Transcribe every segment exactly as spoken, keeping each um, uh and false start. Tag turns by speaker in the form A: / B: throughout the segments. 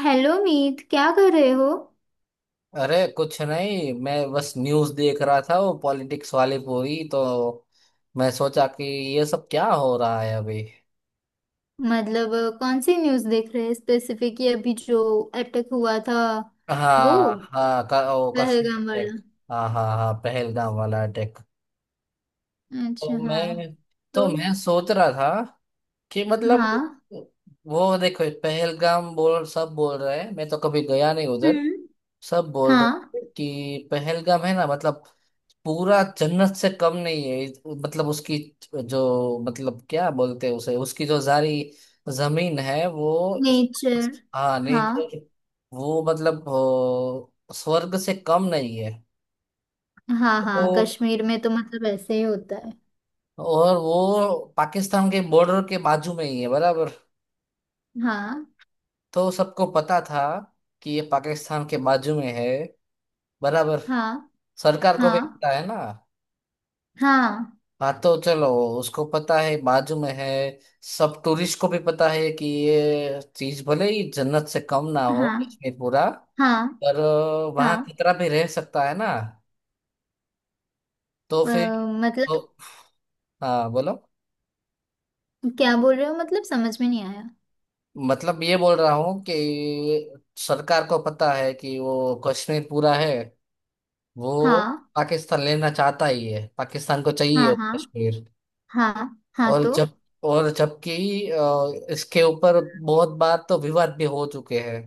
A: Hello Meet, क्या कर रहे हो?
B: अरे कुछ नहीं, मैं बस न्यूज़ देख रहा था वो पॉलिटिक्स वाली पूरी। तो मैं सोचा कि ये सब क्या हो रहा है अभी।
A: मतलब अ, कौन सी न्यूज़ देख रहे हैं स्पेसिफिक, ये अभी जो अटैक हुआ था, वो
B: हाँ हाँ, क- ओ, कश्मीर
A: पहलगाम वाला।
B: अटैक। हाँ हाँ हाँ, पहलगाम वाला अटैक। तो
A: अच्छा हाँ।
B: मैं तो
A: तो
B: मैं सोच रहा था कि मतलब।
A: हाँ।
B: वो देखो, पहलगाम बोल सब बोल रहे हैं, मैं तो कभी गया नहीं उधर।
A: हम्म।
B: सब बोल
A: हाँ।
B: रहे थे कि पहलगाम है ना, मतलब पूरा जन्नत से कम नहीं है इस- मतलब उसकी। जो मतलब क्या बोलते हैं उसे, उसकी जो जारी जमीन है वो।
A: नेचर।
B: हाँ
A: हाँ
B: नीचे, वो मतलब ओ, स्वर्ग से कम नहीं है।
A: हाँ
B: तो
A: हाँ, कश्मीर में तो मतलब ऐसे ही होता है।
B: और वो पाकिस्तान के बॉर्डर के बाजू में ही है बराबर।
A: हाँ
B: तो सबको पता था कि ये पाकिस्तान के बाजू में है बराबर।
A: हाँ
B: सरकार को भी
A: हाँ
B: पता है ना।
A: हाँ
B: हाँ तो चलो, उसको पता है बाजू में है। सब टूरिस्ट को भी पता है कि ये चीज भले ही जन्नत से कम ना हो
A: हाँ
B: कश्मीर पूरा,
A: हाँ
B: पर वहाँ
A: हाँ।
B: खतरा भी रह सकता है ना। तो
A: अ,
B: फिर।
A: मतलब
B: तो हाँ, बोलो।
A: क्या बोल रहे हो, मतलब समझ में नहीं आया।
B: मतलब ये बोल रहा हूँ कि सरकार को पता है कि वो कश्मीर पूरा है, वो
A: हाँ
B: पाकिस्तान लेना चाहता ही है, पाकिस्तान को चाहिए
A: हाँ
B: वो
A: हाँ
B: कश्मीर।
A: हाँ हाँ।
B: और
A: तो
B: जब और जबकि अ, इसके ऊपर बहुत बार तो विवाद भी हो चुके हैं।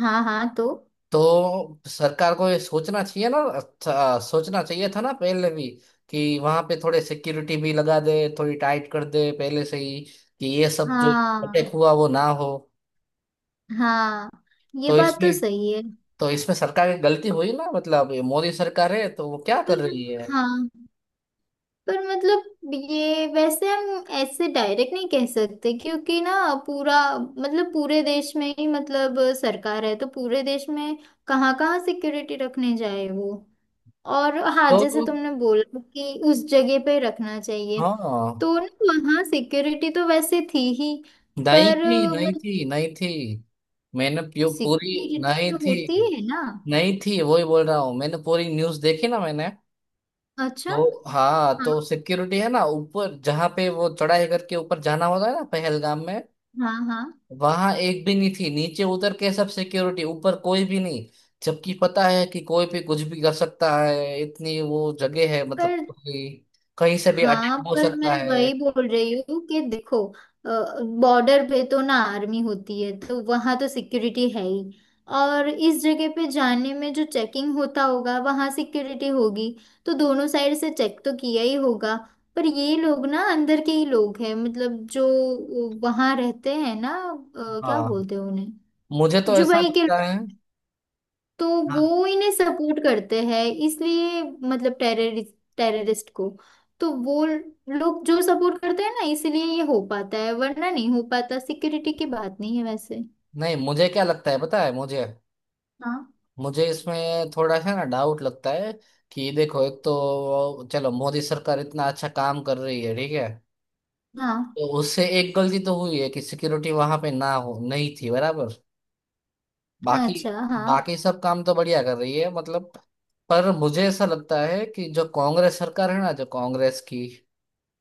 A: हाँ हाँ। तो
B: तो सरकार को ये सोचना चाहिए ना, अच्छा सोचना चाहिए था ना पहले भी, कि वहां पे थोड़े सिक्योरिटी भी लगा दे, थोड़ी टाइट कर दे पहले से ही, कि ये सब जो अटैक
A: हाँ
B: हुआ वो ना हो।
A: हाँ, ये
B: तो
A: बात तो
B: इसमें
A: सही है।
B: तो इसमें सरकार की गलती हुई ना, मतलब ये मोदी सरकार है तो वो क्या कर
A: पर
B: रही है।
A: हाँ, पर मतलब ये वैसे हम ऐसे डायरेक्ट नहीं कह सकते क्योंकि ना पूरा मतलब पूरे देश में ही मतलब सरकार है, तो पूरे देश में कहाँ कहाँ सिक्योरिटी रखने जाए वो। और हाँ,
B: तो
A: जैसे
B: तो-
A: तुमने बोला कि उस जगह पे रखना चाहिए
B: हाँ।
A: तो ना वहाँ सिक्योरिटी तो वैसे थी ही।
B: नहीं
A: पर
B: थी, नहीं
A: मतलब
B: थी, नहीं थी। मैंने प्यू- पूरी।
A: सिक्योरिटी
B: नहीं
A: तो
B: थी,
A: होती है ना।
B: नहीं थी, वही बोल रहा हूँ, मैंने पूरी न्यूज देखी ना, मैंने।
A: अच्छा।
B: तो हाँ,
A: हाँ
B: तो सिक्योरिटी है ना ऊपर जहाँ पे वो चढ़ाई करके ऊपर जाना होता है ना पहलगाम में,
A: हाँ हाँ।
B: वहां एक भी नहीं थी, नीचे उतर के सब सिक्योरिटी, ऊपर कोई भी नहीं। जबकि पता है कि कोई भी कुछ भी कर सकता है, इतनी वो जगह है, मतलब
A: पर
B: कि कहीं से भी
A: हाँ,
B: अटैक हो
A: पर
B: सकता
A: मैं
B: है।
A: वही बोल रही हूँ कि देखो बॉर्डर पे तो ना आर्मी होती है तो वहां तो सिक्योरिटी है ही। और इस जगह पे जाने में जो चेकिंग होता होगा वहां सिक्योरिटी होगी, तो दोनों साइड से चेक तो किया ही होगा। पर ये लोग ना अंदर के ही लोग हैं मतलब जो वहां रहते हैं ना, अ, क्या
B: हाँ,
A: बोलते हैं उन्हें,
B: मुझे तो
A: जो
B: ऐसा
A: वहीं के
B: लगता
A: लोग।
B: है।
A: तो
B: हाँ,
A: वो इन्हें सपोर्ट करते हैं, इसलिए मतलब टेररिस्ट, टेररिस्ट को, तो वो लोग जो सपोर्ट करते हैं ना, इसलिए ये हो पाता है वरना नहीं हो पाता। सिक्योरिटी की बात नहीं है वैसे।
B: नहीं, मुझे क्या लगता है पता है मुझे।
A: हाँ
B: मुझे इसमें थोड़ा सा ना डाउट लगता है कि देखो, एक तो चलो मोदी सरकार इतना अच्छा काम कर रही है, ठीक है।
A: हाँ।
B: तो उससे एक गलती तो हुई है कि सिक्योरिटी वहां पे ना हो, नहीं थी बराबर। बाकी।
A: अच्छा हाँ
B: बाकी सब काम तो बढ़िया कर रही है मतलब। पर मुझे ऐसा लगता है कि जो कांग्रेस सरकार है ना, जो कांग्रेस की,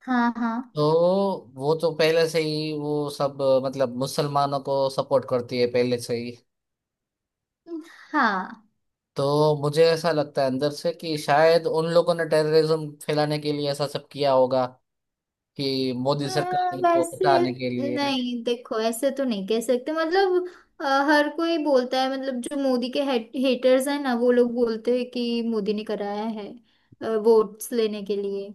A: हाँ हाँ
B: तो वो तो पहले से ही वो सब मतलब मुसलमानों को सपोर्ट करती है पहले से ही।
A: हाँ।
B: तो मुझे ऐसा लगता है अंदर से कि शायद उन लोगों ने टेररिज्म फैलाने के लिए ऐसा सब किया होगा, कि मोदी
A: अ,
B: सरकार को
A: वैसे
B: हटाने के लिए।
A: नहीं, देखो ऐसे तो नहीं कह सकते मतलब। अ, हर कोई बोलता है मतलब जो मोदी के हेटर्स हैं ना, वो लोग बोलते हैं कि मोदी ने कराया है वोट्स लेने के लिए।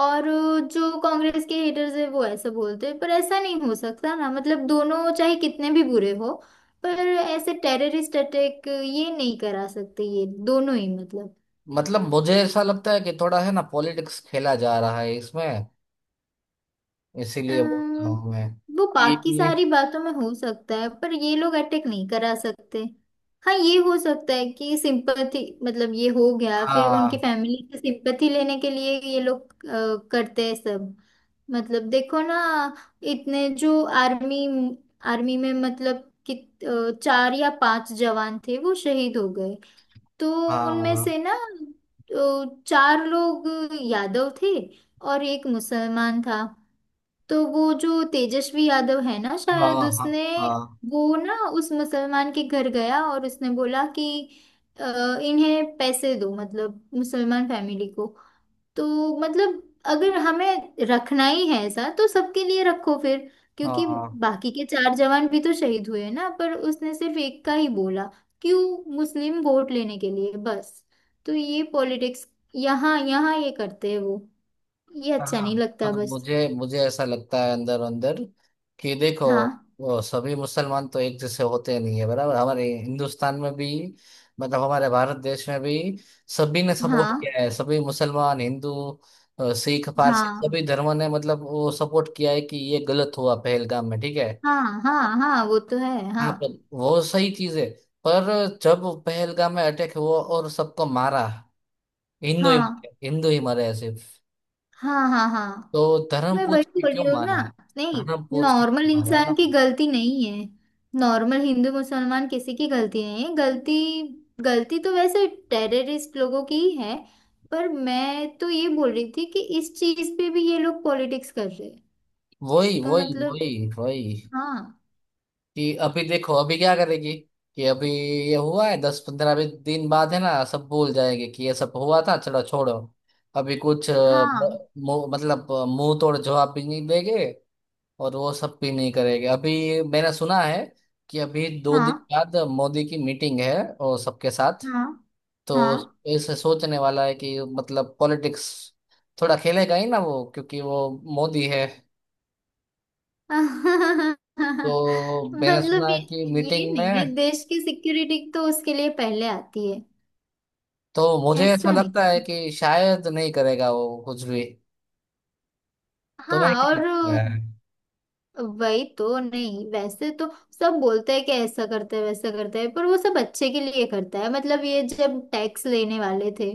A: और जो कांग्रेस के हेटर्स है, वो ऐसा बोलते हैं। पर ऐसा नहीं हो सकता ना, मतलब दोनों चाहे कितने भी बुरे हो, पर ऐसे टेररिस्ट अटैक ये नहीं करा सकते, ये दोनों ही मतलब।
B: मतलब मुझे ऐसा लगता है कि थोड़ा है ना पॉलिटिक्स खेला जा रहा है इसमें, इसीलिए बोल रहा
A: अम्म,
B: हूँ मैं
A: वो बाकी
B: कि
A: सारी बातों में हो सकता है पर ये लोग अटैक नहीं करा सकते। हाँ, ये हो सकता है कि सिंपथी, मतलब ये हो गया फिर उनकी
B: हाँ,
A: फैमिली से सिंपथी लेने के लिए ये लोग अ, करते हैं सब। मतलब देखो ना, इतने जो आर्मी, आर्मी में मतलब कि अ, चार या पांच जवान थे वो शहीद हो गए, तो उनमें
B: हाँ,
A: से ना अ, चार लोग यादव थे और एक मुसलमान था। तो वो जो तेजस्वी यादव है ना,
B: हाँ,
A: शायद
B: हाँ,
A: उसने
B: हाँ,
A: वो ना उस मुसलमान के घर गया और उसने बोला कि अ, इन्हें पैसे दो, मतलब मुसलमान फैमिली को। तो मतलब अगर हमें रखना ही है ऐसा, तो सबके लिए रखो फिर, क्योंकि
B: हाँ,
A: बाकी के चार जवान भी तो शहीद हुए हैं ना। पर उसने सिर्फ एक का ही बोला, क्यों? मुस्लिम वोट लेने के लिए बस। तो ये पॉलिटिक्स यहाँ यहाँ ये करते हैं वो। ये अच्छा
B: हाँ।
A: नहीं लगता
B: मतलब
A: बस।
B: मुझे मुझे ऐसा लगता है अंदर अंदर कि देखो,
A: हाँ
B: वो सभी मुसलमान तो एक जैसे होते नहीं है बराबर, हमारे हिंदुस्तान में भी, मतलब हमारे भारत देश में भी। सभी ने सपोर्ट
A: हाँ
B: किया है, सभी मुसलमान, हिंदू, अ, सिख, पारसी,
A: हाँ
B: सभी धर्मों ने मतलब वो सपोर्ट किया है कि ये गलत हुआ पहलगाम में, ठीक है।
A: हाँ हाँ हाँ, वो तो है।
B: हाँ,
A: हाँ
B: पर वो सही चीज है। पर जब पहलगाम में अटैक हुआ और सबको मारा, हिंदू ही,
A: हाँ
B: हिंदू ही मरे सिर्फ।
A: हाँ हाँ हाँ।
B: तो
A: तो
B: धर्म
A: मैं वही
B: पूछ के
A: बोल
B: क्यों
A: रही हूँ ना।
B: मारा?
A: नहीं,
B: धर्म पूछ के क्यों
A: नॉर्मल
B: मारा ना?
A: इंसान की गलती नहीं है। नॉर्मल हिंदू मुसलमान किसी की गलती नहीं है, गलती, गलती तो वैसे टेररिस्ट लोगों की ही है। पर मैं तो ये बोल रही थी कि इस चीज पे भी ये लोग पॉलिटिक्स कर रहे हैं।
B: वही,
A: तो
B: वही,
A: मतलब
B: वही, वही।
A: हाँ
B: कि अभी देखो अभी क्या करेगी, कि अभी ये हुआ है, दस पंद्रह भी दिन बाद है ना सब भूल जाएंगे कि ये सब हुआ था, चलो छोड़ो। अभी कुछ अ, मु-
A: हाँ
B: मु- मतलब अ, मुंह तोड़ जवाब भी नहीं देंगे, और वो सब भी नहीं करेंगे। अभी मैंने सुना है कि अभी दो दिन
A: हाँ
B: बाद मोदी की मीटिंग है, और सबके साथ।
A: हाँ
B: तो
A: हाँ।
B: इसे सोचने वाला है कि मतलब पॉलिटिक्स थोड़ा खेलेगा ही ना वो, क्योंकि वो मोदी है। तो मैंने
A: मतलब
B: सुना
A: ये
B: है कि
A: ये
B: मीटिंग
A: नहीं है,
B: में,
A: देश की सिक्योरिटी तो उसके लिए पहले आती है।
B: तो मुझे ऐसा
A: ऐसा नहीं
B: लगता है
A: है।
B: कि शायद नहीं करेगा वो कुछ भी। तो मैं
A: हाँ,
B: क्या
A: और
B: लगता है।
A: वही तो, नहीं वैसे तो सब बोलते हैं कि ऐसा करते हैं वैसा करते हैं, पर वो सब अच्छे के लिए करता है। मतलब ये जब टैक्स लेने वाले थे,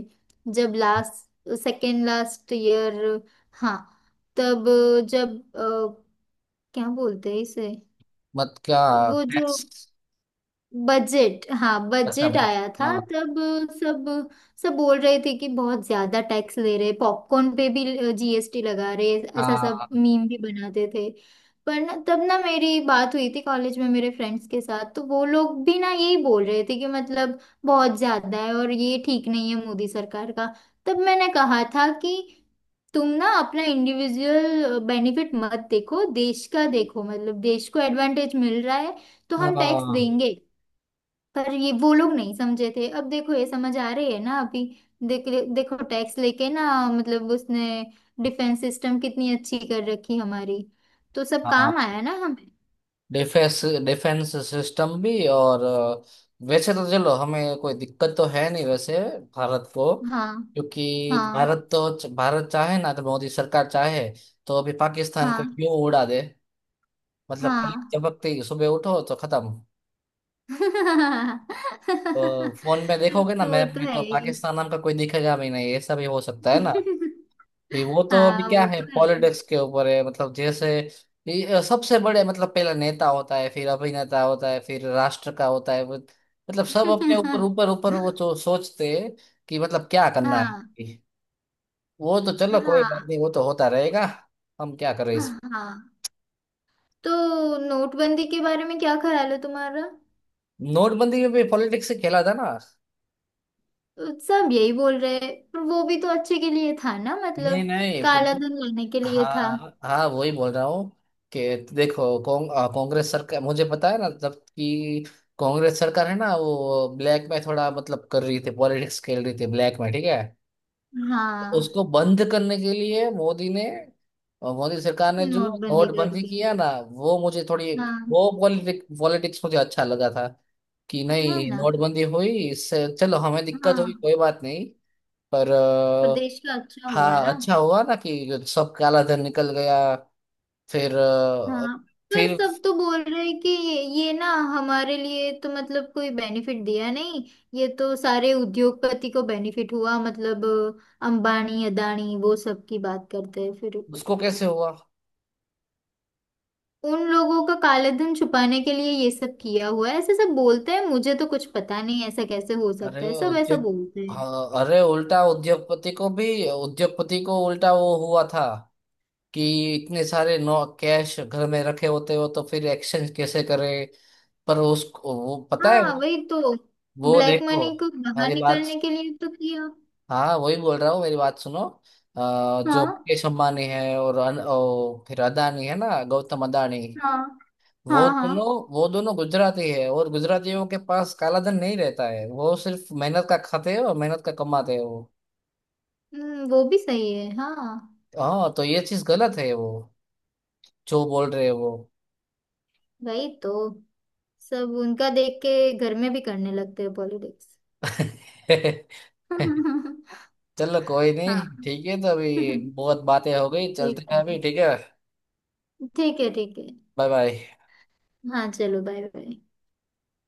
A: जब लास्ट सेकेंड, लास्ट ईयर, हाँ, तब जब अ, क्या बोलते हैं इसे,
B: मत क्या।
A: वो जो
B: टैक्स।
A: बजट, हाँ
B: अच्छा,
A: बजट
B: बच।
A: आया था
B: हाँ,
A: तब सब, सब बोल रहे थे कि बहुत ज्यादा टैक्स ले रहे, पॉपकॉर्न पे भी जीएसटी लगा रहे। ऐसा सब
B: हाँ,
A: मीम भी बनाते थे। पर ना तब ना मेरी बात हुई थी कॉलेज में मेरे फ्रेंड्स के साथ, तो वो लोग भी ना यही बोल रहे थे कि मतलब बहुत ज्यादा है और ये ठीक नहीं है मोदी सरकार का। तब मैंने कहा था कि तुम ना अपना इंडिविजुअल बेनिफिट मत देखो, देश का देखो, मतलब देश को एडवांटेज मिल रहा है तो हम टैक्स
B: हाँ,
A: देंगे। पर ये वो लोग नहीं समझे थे, अब देखो ये समझ आ रही है ना अभी। देख देखो, टैक्स लेके ना मतलब उसने डिफेंस सिस्टम कितनी अच्छी कर रखी हमारी, तो सब
B: हाँ।
A: काम आया ना हमें।
B: डिफेंस, डिफेंस सिस्टम भी और अ, वैसे तो चलो हमें कोई दिक्कत तो है नहीं वैसे, भारत को।
A: हाँ
B: क्योंकि
A: हाँ
B: भारत तो भारत चाहे ना, तो मोदी सरकार चाहे। तो अभी पाकिस्तान का
A: हाँ
B: क्यों उड़ा दे। मतलब पलक
A: हाँ।
B: झपकते ही सुबह उठो तो खत्म। अ, फोन में देखोगे ना
A: तो वो
B: मैप
A: तो
B: में,
A: है
B: तो
A: ही।
B: पाकिस्तान नाम का कोई दिखेगा भी नहीं, ऐसा भी हो सकता है ना। भी वो तो अभी
A: हाँ
B: क्या
A: वो
B: है,
A: तो है।
B: पॉलिटिक्स के ऊपर है, मतलब जैसे ये सबसे बड़े मतलब पहला नेता होता है, फिर अभिनेता होता है, फिर राष्ट्र का होता है वो- मतलब सब अपने ऊपर ऊपर ऊपर वो तो सोचते हैं कि मतलब क्या करना है।
A: हाँ
B: वो तो चलो कोई बात
A: हाँ
B: नहीं, वो तो होता रहेगा। हम क्या करें इसमें।
A: हाँ। तो नोटबंदी के बारे में क्या ख्याल है तुम्हारा?
B: नोटबंदी में भी पॉलिटिक्स से खेला था ना।
A: सब यही बोल रहे हैं, पर वो भी तो अच्छे के लिए था ना,
B: नहीं,
A: मतलब काला
B: नहीं।
A: धन लाने के लिए था।
B: हाँ, हाँ, वही बोल रहा हूँ कि देखो, कौं, अ, कांग्रेस सरकार मुझे पता है ना, जब कि कांग्रेस सरकार है ना, वो ब्लैक में थोड़ा मतलब कर रही थी, पॉलिटिक्स खेल रही थी ब्लैक में, ठीक है। तो
A: हाँ।
B: उसको बंद करने के लिए मोदी ने और मोदी सरकार ने जो
A: नोटबंदी कर
B: नोटबंदी
A: दी।
B: किया ना, वो मुझे थोड़ी,
A: हाँ।
B: वो पॉलिटिक पॉलिटिक्स मुझे अच्छा लगा था, कि
A: है
B: नहीं,
A: ना।
B: नोटबंदी हुई, इससे चलो हमें दिक्कत हुई
A: हाँ।
B: कोई बात नहीं। पर अ,
A: प्रदेश का अच्छा हुआ
B: हाँ,
A: ना।
B: अच्छा हुआ ना कि सब काला धन निकल गया। फिर अ,
A: हाँ, पर
B: फिर
A: सब तो बोल रहे हैं कि ये ना हमारे लिए तो मतलब कोई बेनिफिट दिया नहीं, ये तो सारे उद्योगपति को बेनिफिट हुआ मतलब अंबानी, अदानी वो सब की बात करते हैं फिर,
B: उसको कैसे हुआ।
A: उन लोगों का काले धन छुपाने के लिए ये सब किया हुआ है ऐसे सब बोलते हैं। मुझे तो कुछ पता नहीं ऐसा कैसे हो
B: अरे
A: सकता है, सब ऐसा
B: उद्योग
A: बोलते हैं।
B: हाँ, अरे उल्टा उद्योगपति को भी। उद्योगपति को उल्टा वो हुआ था कि इतने सारे नो कैश घर में रखे होते हो तो फिर एक्सचेंज कैसे करें। पर उसको वो पता है,
A: हाँ वही तो,
B: वो
A: ब्लैक
B: देखो
A: मनी को बाहर
B: मेरी बात।
A: निकलने के लिए तो किया।
B: हाँ वही बोल रहा हूँ, मेरी बात सुनो। अ, जो
A: हाँ
B: मुकेश अंबानी है और, अन, ओ, फिर अदानी है ना, गौतम अदानी।
A: हाँ
B: वो
A: हाँ
B: दोनों
A: हाँ।
B: वो दोनों गुजराती है, और गुजरातियों के पास काला धन नहीं रहता है, वो सिर्फ मेहनत का खाते हैं और मेहनत का कमाते हैं वो।
A: हम्म, वो भी सही है हाँ।
B: हाँ तो ये चीज गलत है, वो जो बोल रहे हैं वो।
A: वही तो, सब उनका देख के घर में भी करने लगते हैं पॉलिटिक्स।
B: चलो, कोई नहीं,
A: हाँ।
B: ठीक है, तो अभी बहुत बातें हो गई,
A: ठीक
B: चलते हैं
A: है।
B: अभी, ठीक है।
A: ठीक है ठीक है।
B: Bye bye.
A: हाँ चलो, बाय बाय।